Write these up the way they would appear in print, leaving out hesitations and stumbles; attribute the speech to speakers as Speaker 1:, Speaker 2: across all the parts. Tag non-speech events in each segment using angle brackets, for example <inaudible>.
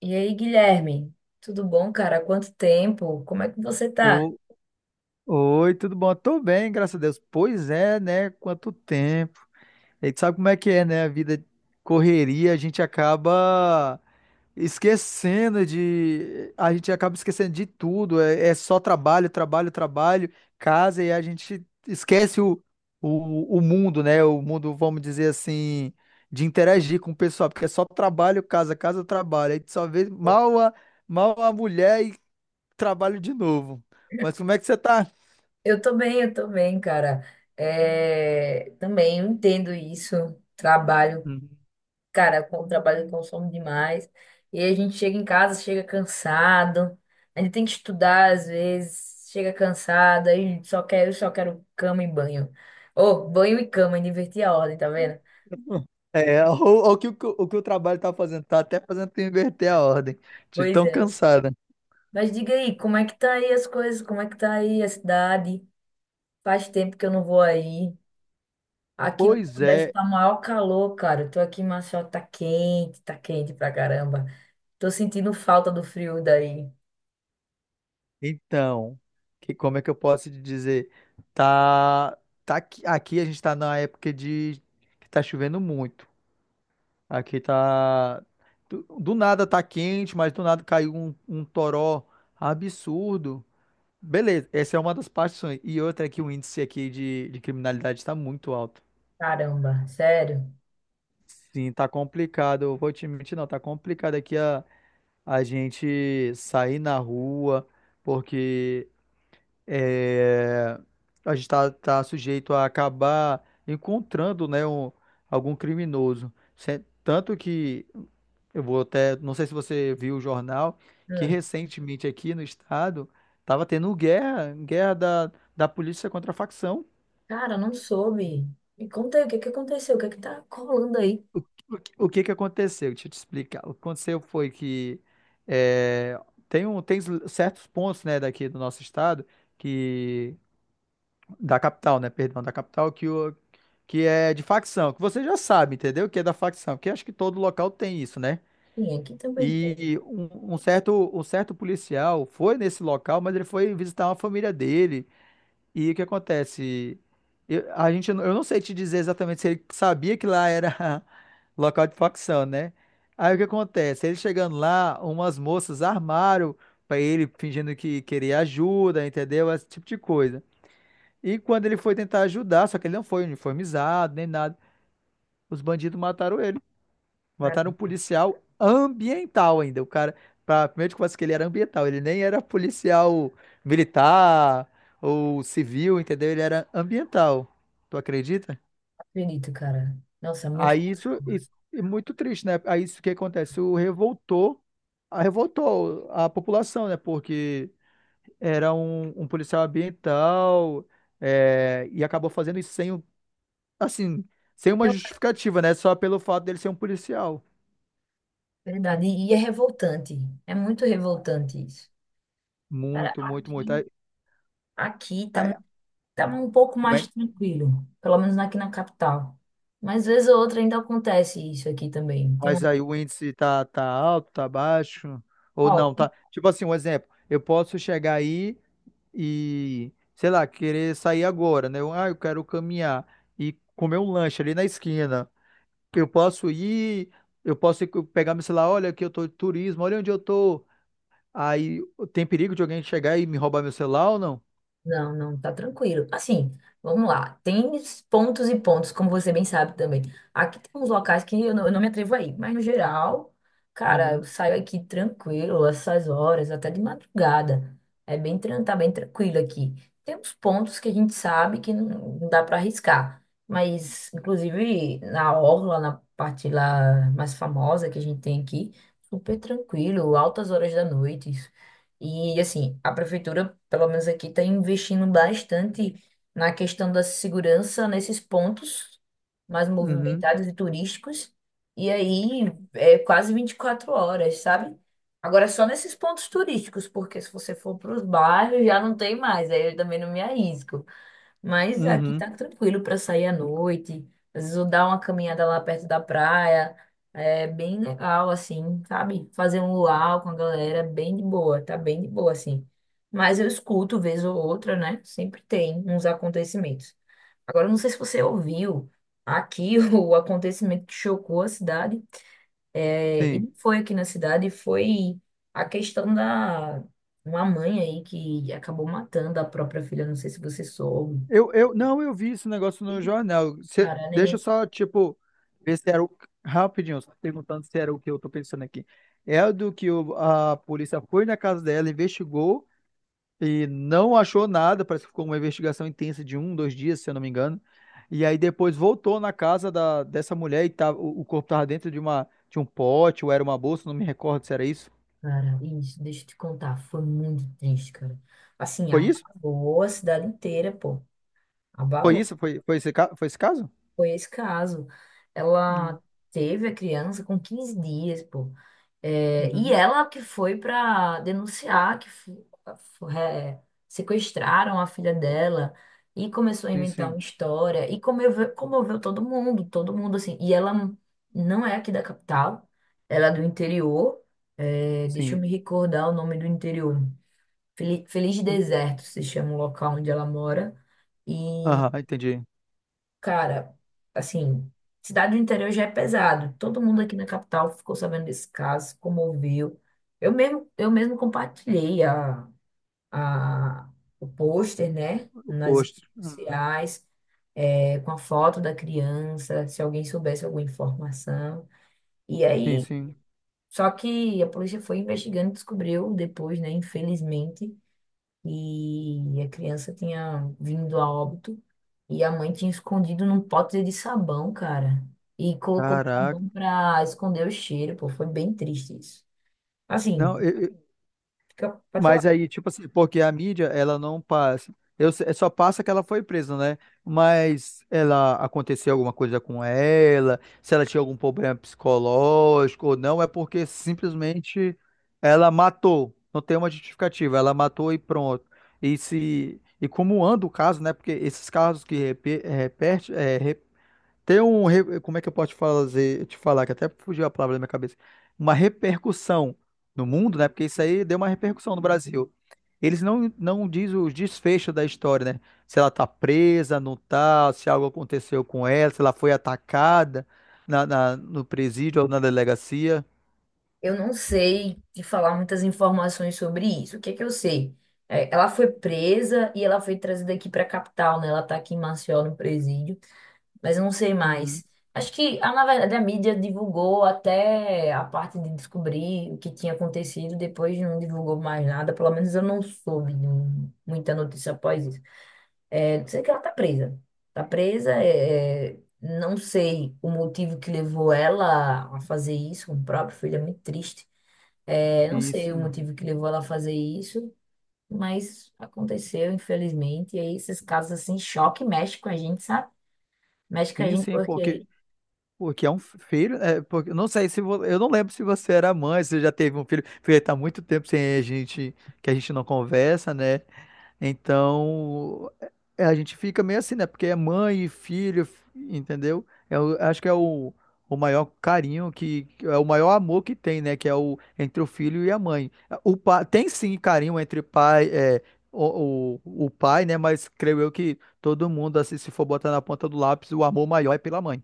Speaker 1: E aí, Guilherme? Tudo bom, cara? Há quanto tempo? Como é que você tá?
Speaker 2: O- Oi, tudo bom? Tô bem, graças a Deus. Pois é, né? Quanto tempo. A gente sabe como é que é, né? A vida correria, a gente acaba esquecendo de. A gente acaba esquecendo de tudo. É só trabalho, trabalho, trabalho, casa, e a gente esquece o mundo, né? O mundo, vamos dizer assim, de interagir com o pessoal, porque é só trabalho, casa, casa, trabalho. Aí tu só vê mal a mulher e trabalho de novo. Mas como é que você tá?
Speaker 1: Eu tô bem, cara. É, também eu entendo isso. Trabalho,
Speaker 2: Uhum.
Speaker 1: cara, com o trabalho consome demais. E aí a gente chega em casa, chega cansado. A gente tem que estudar às vezes, chega cansado, aí só quero cama e banho. Ô, banho e cama, inverti a ordem, tá vendo?
Speaker 2: É, o, o que o trabalho tá fazendo, tá até fazendo tu inverter a ordem, de
Speaker 1: Pois
Speaker 2: tão
Speaker 1: é.
Speaker 2: cansada.
Speaker 1: Mas diga aí, como é que tá aí as coisas? Como é que tá aí a cidade? Faz tempo que eu não vou aí. Aqui no
Speaker 2: Pois
Speaker 1: Nordeste
Speaker 2: é,
Speaker 1: tá maior calor, cara. Eu tô aqui em Maceió, tá quente pra caramba. Tô sentindo falta do frio daí.
Speaker 2: então, que, como é que eu posso te dizer? Tá, tá aqui, aqui a gente tá na época de que tá chovendo muito. Aqui tá, do nada tá quente, mas do nada caiu um toró absurdo. Beleza, essa é uma das partes. E outra é que o índice aqui de criminalidade está muito alto.
Speaker 1: Caramba, sério.
Speaker 2: Sim, tá complicado. Eu vou te mentir, não, tá complicado a gente sair na rua, porque é, a gente tá sujeito a acabar encontrando, né, algum criminoso. Tanto que eu vou até, não sei se você viu o jornal, que
Speaker 1: Hum.
Speaker 2: recentemente aqui no estado tava tendo guerra, guerra da polícia contra a facção.
Speaker 1: Cara, não soube. Me conta aí o que que aconteceu, o que que tá colando aí?
Speaker 2: O que que aconteceu? Deixa eu te explicar. O que aconteceu foi que é, tem certos pontos, né, daqui do nosso estado, que da capital, né, perdão, da capital, que, o, que é de facção, que você já sabe, entendeu? Que é da facção, que acho que todo local tem isso, né?
Speaker 1: Sim, aqui também tem.
Speaker 2: E um certo policial foi nesse local, mas ele foi visitar uma família dele, e o que acontece? Eu não sei te dizer exatamente se ele sabia que lá era <laughs> local de facção, né? Aí o que acontece? Ele chegando lá, umas moças armaram pra ele, fingindo que queria ajuda, entendeu? Esse tipo de coisa. E quando ele foi tentar ajudar, só que ele não foi uniformizado nem nada, os bandidos mataram ele.
Speaker 1: Cara,
Speaker 2: Mataram um
Speaker 1: não
Speaker 2: policial ambiental ainda. O cara, primeiro de conversa que ele era ambiental, ele nem era policial militar ou civil, entendeu? Ele era ambiental. Tu acredita?
Speaker 1: acredito, cara. Nossa, é muito.
Speaker 2: Aí isso é muito triste, né? Aí isso que acontece, revoltou a população, né? Porque era um policial ambiental é, e acabou fazendo isso sem, um- assim, sem uma
Speaker 1: É
Speaker 2: justificativa, né? Só pelo fato dele ser um policial.
Speaker 1: verdade, e é revoltante. É muito revoltante isso. Cara,
Speaker 2: Muito, muito, muito.
Speaker 1: aqui, aqui
Speaker 2: Aí-
Speaker 1: tá. tava um pouco
Speaker 2: como
Speaker 1: mais
Speaker 2: é-
Speaker 1: tranquilo, pelo menos aqui na capital. Mas vez ou outra ainda acontece isso aqui também. Tem
Speaker 2: Mas
Speaker 1: uma...
Speaker 2: aí o índice tá, tá alto, tá baixo, ou
Speaker 1: Ó,
Speaker 2: não, tá? Tipo assim, um exemplo, eu posso chegar aí e, sei lá, querer sair agora, né? Eu, ah, eu quero caminhar e comer um lanche ali na esquina. Eu posso ir, eu posso pegar meu celular, olha aqui eu tô de turismo, olha onde eu tô. Aí tem perigo de alguém chegar e me roubar meu celular ou não?
Speaker 1: não, não, tá tranquilo. Assim, vamos lá. Tem pontos e pontos, como você bem sabe também. Aqui tem uns locais que eu não me atrevo a ir, mas no geral, cara, eu
Speaker 2: Uhum,
Speaker 1: saio aqui tranquilo, essas horas, até de madrugada. É bem, tá bem tranquilo aqui. Tem uns pontos que a gente sabe que não dá para arriscar, mas inclusive na orla, na parte lá mais famosa que a gente tem aqui, super tranquilo, altas horas da noite, e assim, a prefeitura, pelo menos aqui, está investindo bastante na questão da segurança nesses pontos mais
Speaker 2: uhum,
Speaker 1: movimentados e turísticos. E aí é quase 24 horas, sabe? Agora só nesses pontos turísticos, porque se você for para os bairros já não tem mais, aí eu também não me arrisco. Mas aqui
Speaker 2: uhum,
Speaker 1: tá tranquilo para sair à noite. Às vezes eu dar uma caminhada lá perto da praia. É bem legal, assim, sabe? Fazer um luau com a galera, bem de boa, tá bem de boa, assim. Mas eu escuto vez ou outra, né? Sempre tem uns acontecimentos. Agora, eu não sei se você ouviu aqui <laughs> o acontecimento que chocou a cidade. É, e
Speaker 2: sim.
Speaker 1: não foi aqui na cidade, foi a questão da uma mãe aí que acabou matando a própria filha. Não sei se você soube.
Speaker 2: Não, eu vi esse negócio no jornal.
Speaker 1: Cara,
Speaker 2: Deixa eu
Speaker 1: neném,
Speaker 2: só, tipo, ver se era o. Rapidinho, só perguntando se era o que eu tô pensando aqui. É o do a polícia foi na casa dela, investigou e não achou nada. Parece que ficou uma investigação intensa de um, dois dias, se eu não me engano. E aí depois voltou na casa dessa mulher e tava, o corpo tava dentro de uma, de um pote ou era uma bolsa, não me recordo se era isso.
Speaker 1: cara, isso, deixa eu te contar, foi muito triste, cara. Assim,
Speaker 2: Foi isso?
Speaker 1: abalou a cidade inteira, pô.
Speaker 2: Foi
Speaker 1: Abalou.
Speaker 2: isso? Foi, foi foi esse caso?
Speaker 1: Foi esse caso.
Speaker 2: Hum.
Speaker 1: Ela teve a criança com 15 dias, pô. É, e
Speaker 2: Uhum.
Speaker 1: ela que foi para denunciar que fu- é, sequestraram a filha dela e começou a
Speaker 2: Sim,
Speaker 1: inventar
Speaker 2: sim,
Speaker 1: uma história e comoveu todo mundo assim. E ela não é aqui da capital, ela é do interior. É, deixa eu
Speaker 2: sim.
Speaker 1: me recordar o nome do interior. Feliz, Feliz
Speaker 2: Hum.
Speaker 1: Deserto se chama o local onde ela mora.
Speaker 2: Aham, entendi.
Speaker 1: Cara, assim, cidade do interior já é pesado. Todo mundo aqui na capital ficou sabendo desse caso, se comoveu. Eu mesmo compartilhei a, o pôster, né,
Speaker 2: O
Speaker 1: nas redes
Speaker 2: posto. Uhum.
Speaker 1: sociais, é, com a foto da criança, se alguém soubesse alguma informação. E
Speaker 2: Sim,
Speaker 1: aí,
Speaker 2: sim.
Speaker 1: só que a polícia foi investigando e descobriu depois, né, infelizmente, e a criança tinha vindo a óbito e a mãe tinha escondido num pote de sabão, cara. E colocou
Speaker 2: Caraca.
Speaker 1: sabão pra esconder o cheiro, pô. Foi bem triste isso. Assim,
Speaker 2: Não,
Speaker 1: fica- pode
Speaker 2: mas
Speaker 1: falar.
Speaker 2: aí, tipo assim, porque a mídia, ela não passa. Eu, se- é só passa que ela foi presa, né? Mas ela aconteceu alguma coisa com ela, se ela tinha algum problema psicológico ou não, é porque simplesmente ela matou. Não tem uma justificativa, ela matou e pronto. E se e como anda o caso, né? Porque esses casos repete, Como é que eu posso te fazer, te falar, que até fugiu a palavra da minha cabeça. Uma repercussão no mundo, né? Porque isso aí deu uma repercussão no Brasil. Eles não diz os desfechos da história, né? Se ela tá presa, não tá, se algo aconteceu com ela, se ela foi atacada no presídio ou na delegacia.
Speaker 1: Eu não sei te falar muitas informações sobre isso. O que é que eu sei? É, ela foi presa e ela foi trazida aqui pra capital, né? Ela tá aqui em Maceió, no presídio. Mas eu não sei
Speaker 2: Uhum.
Speaker 1: mais. Acho que, ah, na verdade, a mídia divulgou até a parte de descobrir o que tinha acontecido, depois não divulgou mais nada, pelo menos eu não soube de um, muita notícia após isso. É, sei que ela tá presa. Tá presa, é, é, não sei o motivo que levou ela a fazer isso com o próprio filho, é muito triste. É, não
Speaker 2: Sim,
Speaker 1: sei o
Speaker 2: sim,
Speaker 1: motivo que levou ela a fazer isso, mas aconteceu, infelizmente. E aí esses casos assim, choque mexe com a gente, sabe? Mexe com a
Speaker 2: sim,
Speaker 1: gente porque...
Speaker 2: porque é um filho, é, porque, eu não sei se vo- eu não lembro se você era mãe, se você já teve um filho, porque tá muito tempo sem a gente, que a gente não conversa, né? Então, a gente fica meio assim, né? Porque é mãe e filho, entendeu? Eu acho que é o maior carinho que é o maior amor que tem, né? Que é o entre o filho e a mãe. O pai tem sim carinho entre pai, é, o pai, né? Mas creio eu que todo mundo, assim, se for botar na ponta do lápis, o amor maior é pela mãe.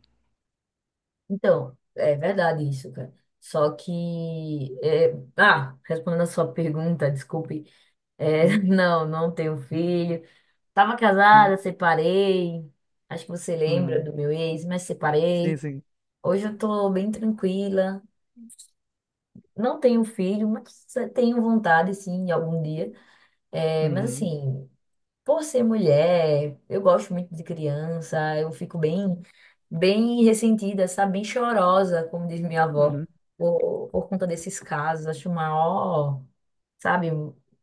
Speaker 1: Então, é verdade isso, cara. Só que, é, ah, respondendo a sua pergunta, desculpe, é, <laughs>
Speaker 2: Uhum,
Speaker 1: não, não tenho filho. Tava
Speaker 2: uhum,
Speaker 1: casada, separei. Acho que você lembra
Speaker 2: uhum.
Speaker 1: do meu ex, mas
Speaker 2: Sim,
Speaker 1: separei.
Speaker 2: sim.
Speaker 1: Hoje eu tô bem tranquila. Não tenho filho, mas tenho vontade, sim, de algum dia. É, mas
Speaker 2: Uhum,
Speaker 1: assim, por ser mulher, eu gosto muito de criança, eu fico bem, bem ressentida, sabe? Bem chorosa, como diz minha avó,
Speaker 2: uhum.
Speaker 1: por conta desses casos. Acho maior, sabe?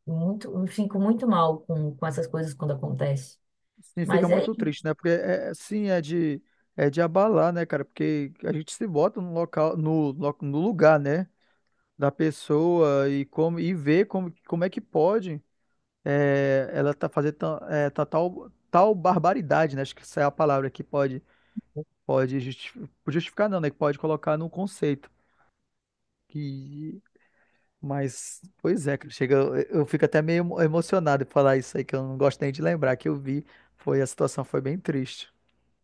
Speaker 1: Muito, eu fico muito mal com essas coisas quando acontece.
Speaker 2: Sim, fica
Speaker 1: Mas é
Speaker 2: muito
Speaker 1: isso.
Speaker 2: triste, né? Porque é de abalar, né, cara? Porque a gente se bota no local, no lugar, né, da pessoa e como e vê como, como é que pode é, ela tá é, tá tal tal barbaridade, né? Acho que essa é a palavra que pode pode justi- justificar, não, né? Que pode colocar no conceito. Que mas pois é, cara, chega eu fico até meio emocionado em falar isso aí que eu não gosto nem de lembrar que eu vi, foi a situação foi bem triste.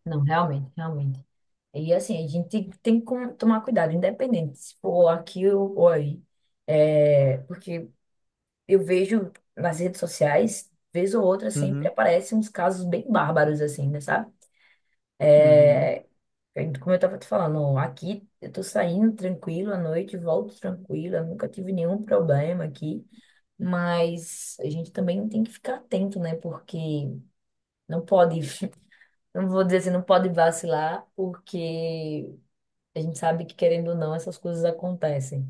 Speaker 1: Não, realmente, realmente. E assim, a gente tem que tomar cuidado, independente se for aqui ou aí. É, porque eu vejo nas redes sociais, vez ou outra, sempre
Speaker 2: Uhum.
Speaker 1: aparecem uns casos bem bárbaros, assim, né, sabe?
Speaker 2: Uhum.
Speaker 1: Como eu tava te falando, aqui eu tô saindo tranquilo à noite, volto tranquila, nunca tive nenhum problema aqui, mas a gente também tem que ficar atento, né? Porque não pode, <laughs> não vou dizer assim, não pode vacilar, porque a gente sabe que, querendo ou não, essas coisas acontecem.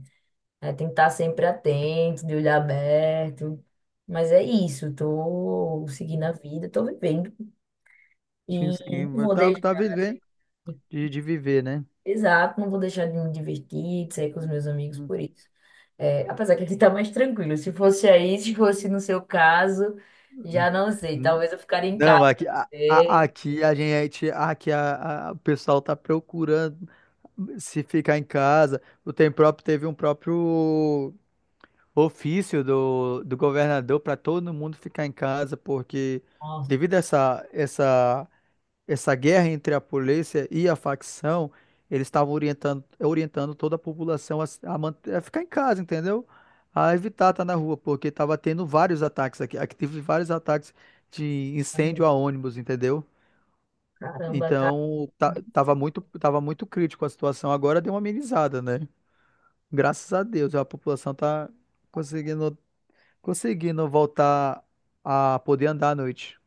Speaker 1: É, tem que estar sempre atento, de olho aberto. Mas é isso, tô seguindo a vida, tô vivendo. E
Speaker 2: Sim, sim.
Speaker 1: não
Speaker 2: Mas
Speaker 1: vou
Speaker 2: tá, tá
Speaker 1: deixar,
Speaker 2: vivendo de viver, né?
Speaker 1: exato, não vou deixar de me divertir, de sair com os meus amigos por isso. É, apesar que aqui tá mais tranquilo. Se fosse aí, se fosse no seu caso, já não sei.
Speaker 2: Uhum.
Speaker 1: Talvez eu ficaria em
Speaker 2: Não,
Speaker 1: casa. Ei,
Speaker 2: aqui a gente, o pessoal tá procurando se ficar em casa. O tem próprio teve um próprio ofício do governador para todo mundo ficar em casa, porque
Speaker 1: nossa,
Speaker 2: devido a essa guerra entre a polícia e a facção, eles estavam orientando, orientando toda a população a, se- a man- a ficar em casa, entendeu? A evitar estar na rua, porque estava tendo vários ataques aqui. Aqui teve vários ataques de incêndio a ônibus, entendeu?
Speaker 1: caramba, tá.
Speaker 2: Então, tá, tava muito crítico a situação. Agora deu uma amenizada, né? Graças a Deus, a população tá conseguindo, conseguindo voltar a poder andar à noite.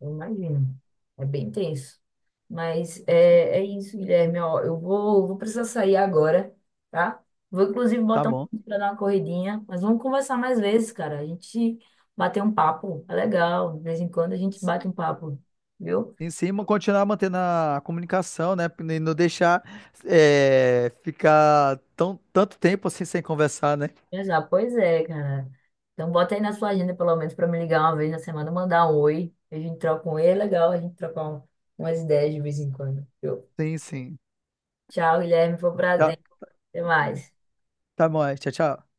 Speaker 1: Eu imagino. É bem tenso. Mas é, é isso, Guilherme. Ó, eu vou precisar sair agora, tá? Vou, inclusive,
Speaker 2: Tá
Speaker 1: botar um
Speaker 2: bom.
Speaker 1: para dar uma corridinha. Mas vamos conversar mais vezes, cara. A gente bater um papo. É legal. De vez em quando a gente bate um papo, viu?
Speaker 2: Em cima, continuar mantendo a comunicação, né? E não deixar é, ficar tão, tanto tempo assim sem conversar, né?
Speaker 1: Já, pois é, cara. Então, bota aí na sua agenda, pelo menos, para me ligar 1 vez na semana, mandar um oi. A gente troca um oi. É legal a gente trocar um- umas ideias de vez em quando, viu?
Speaker 2: Sim, sim.
Speaker 1: Tchau, Guilherme. Foi um
Speaker 2: Tá,
Speaker 1: prazer. Até mais.
Speaker 2: tá bom, é. Tchau, tchau.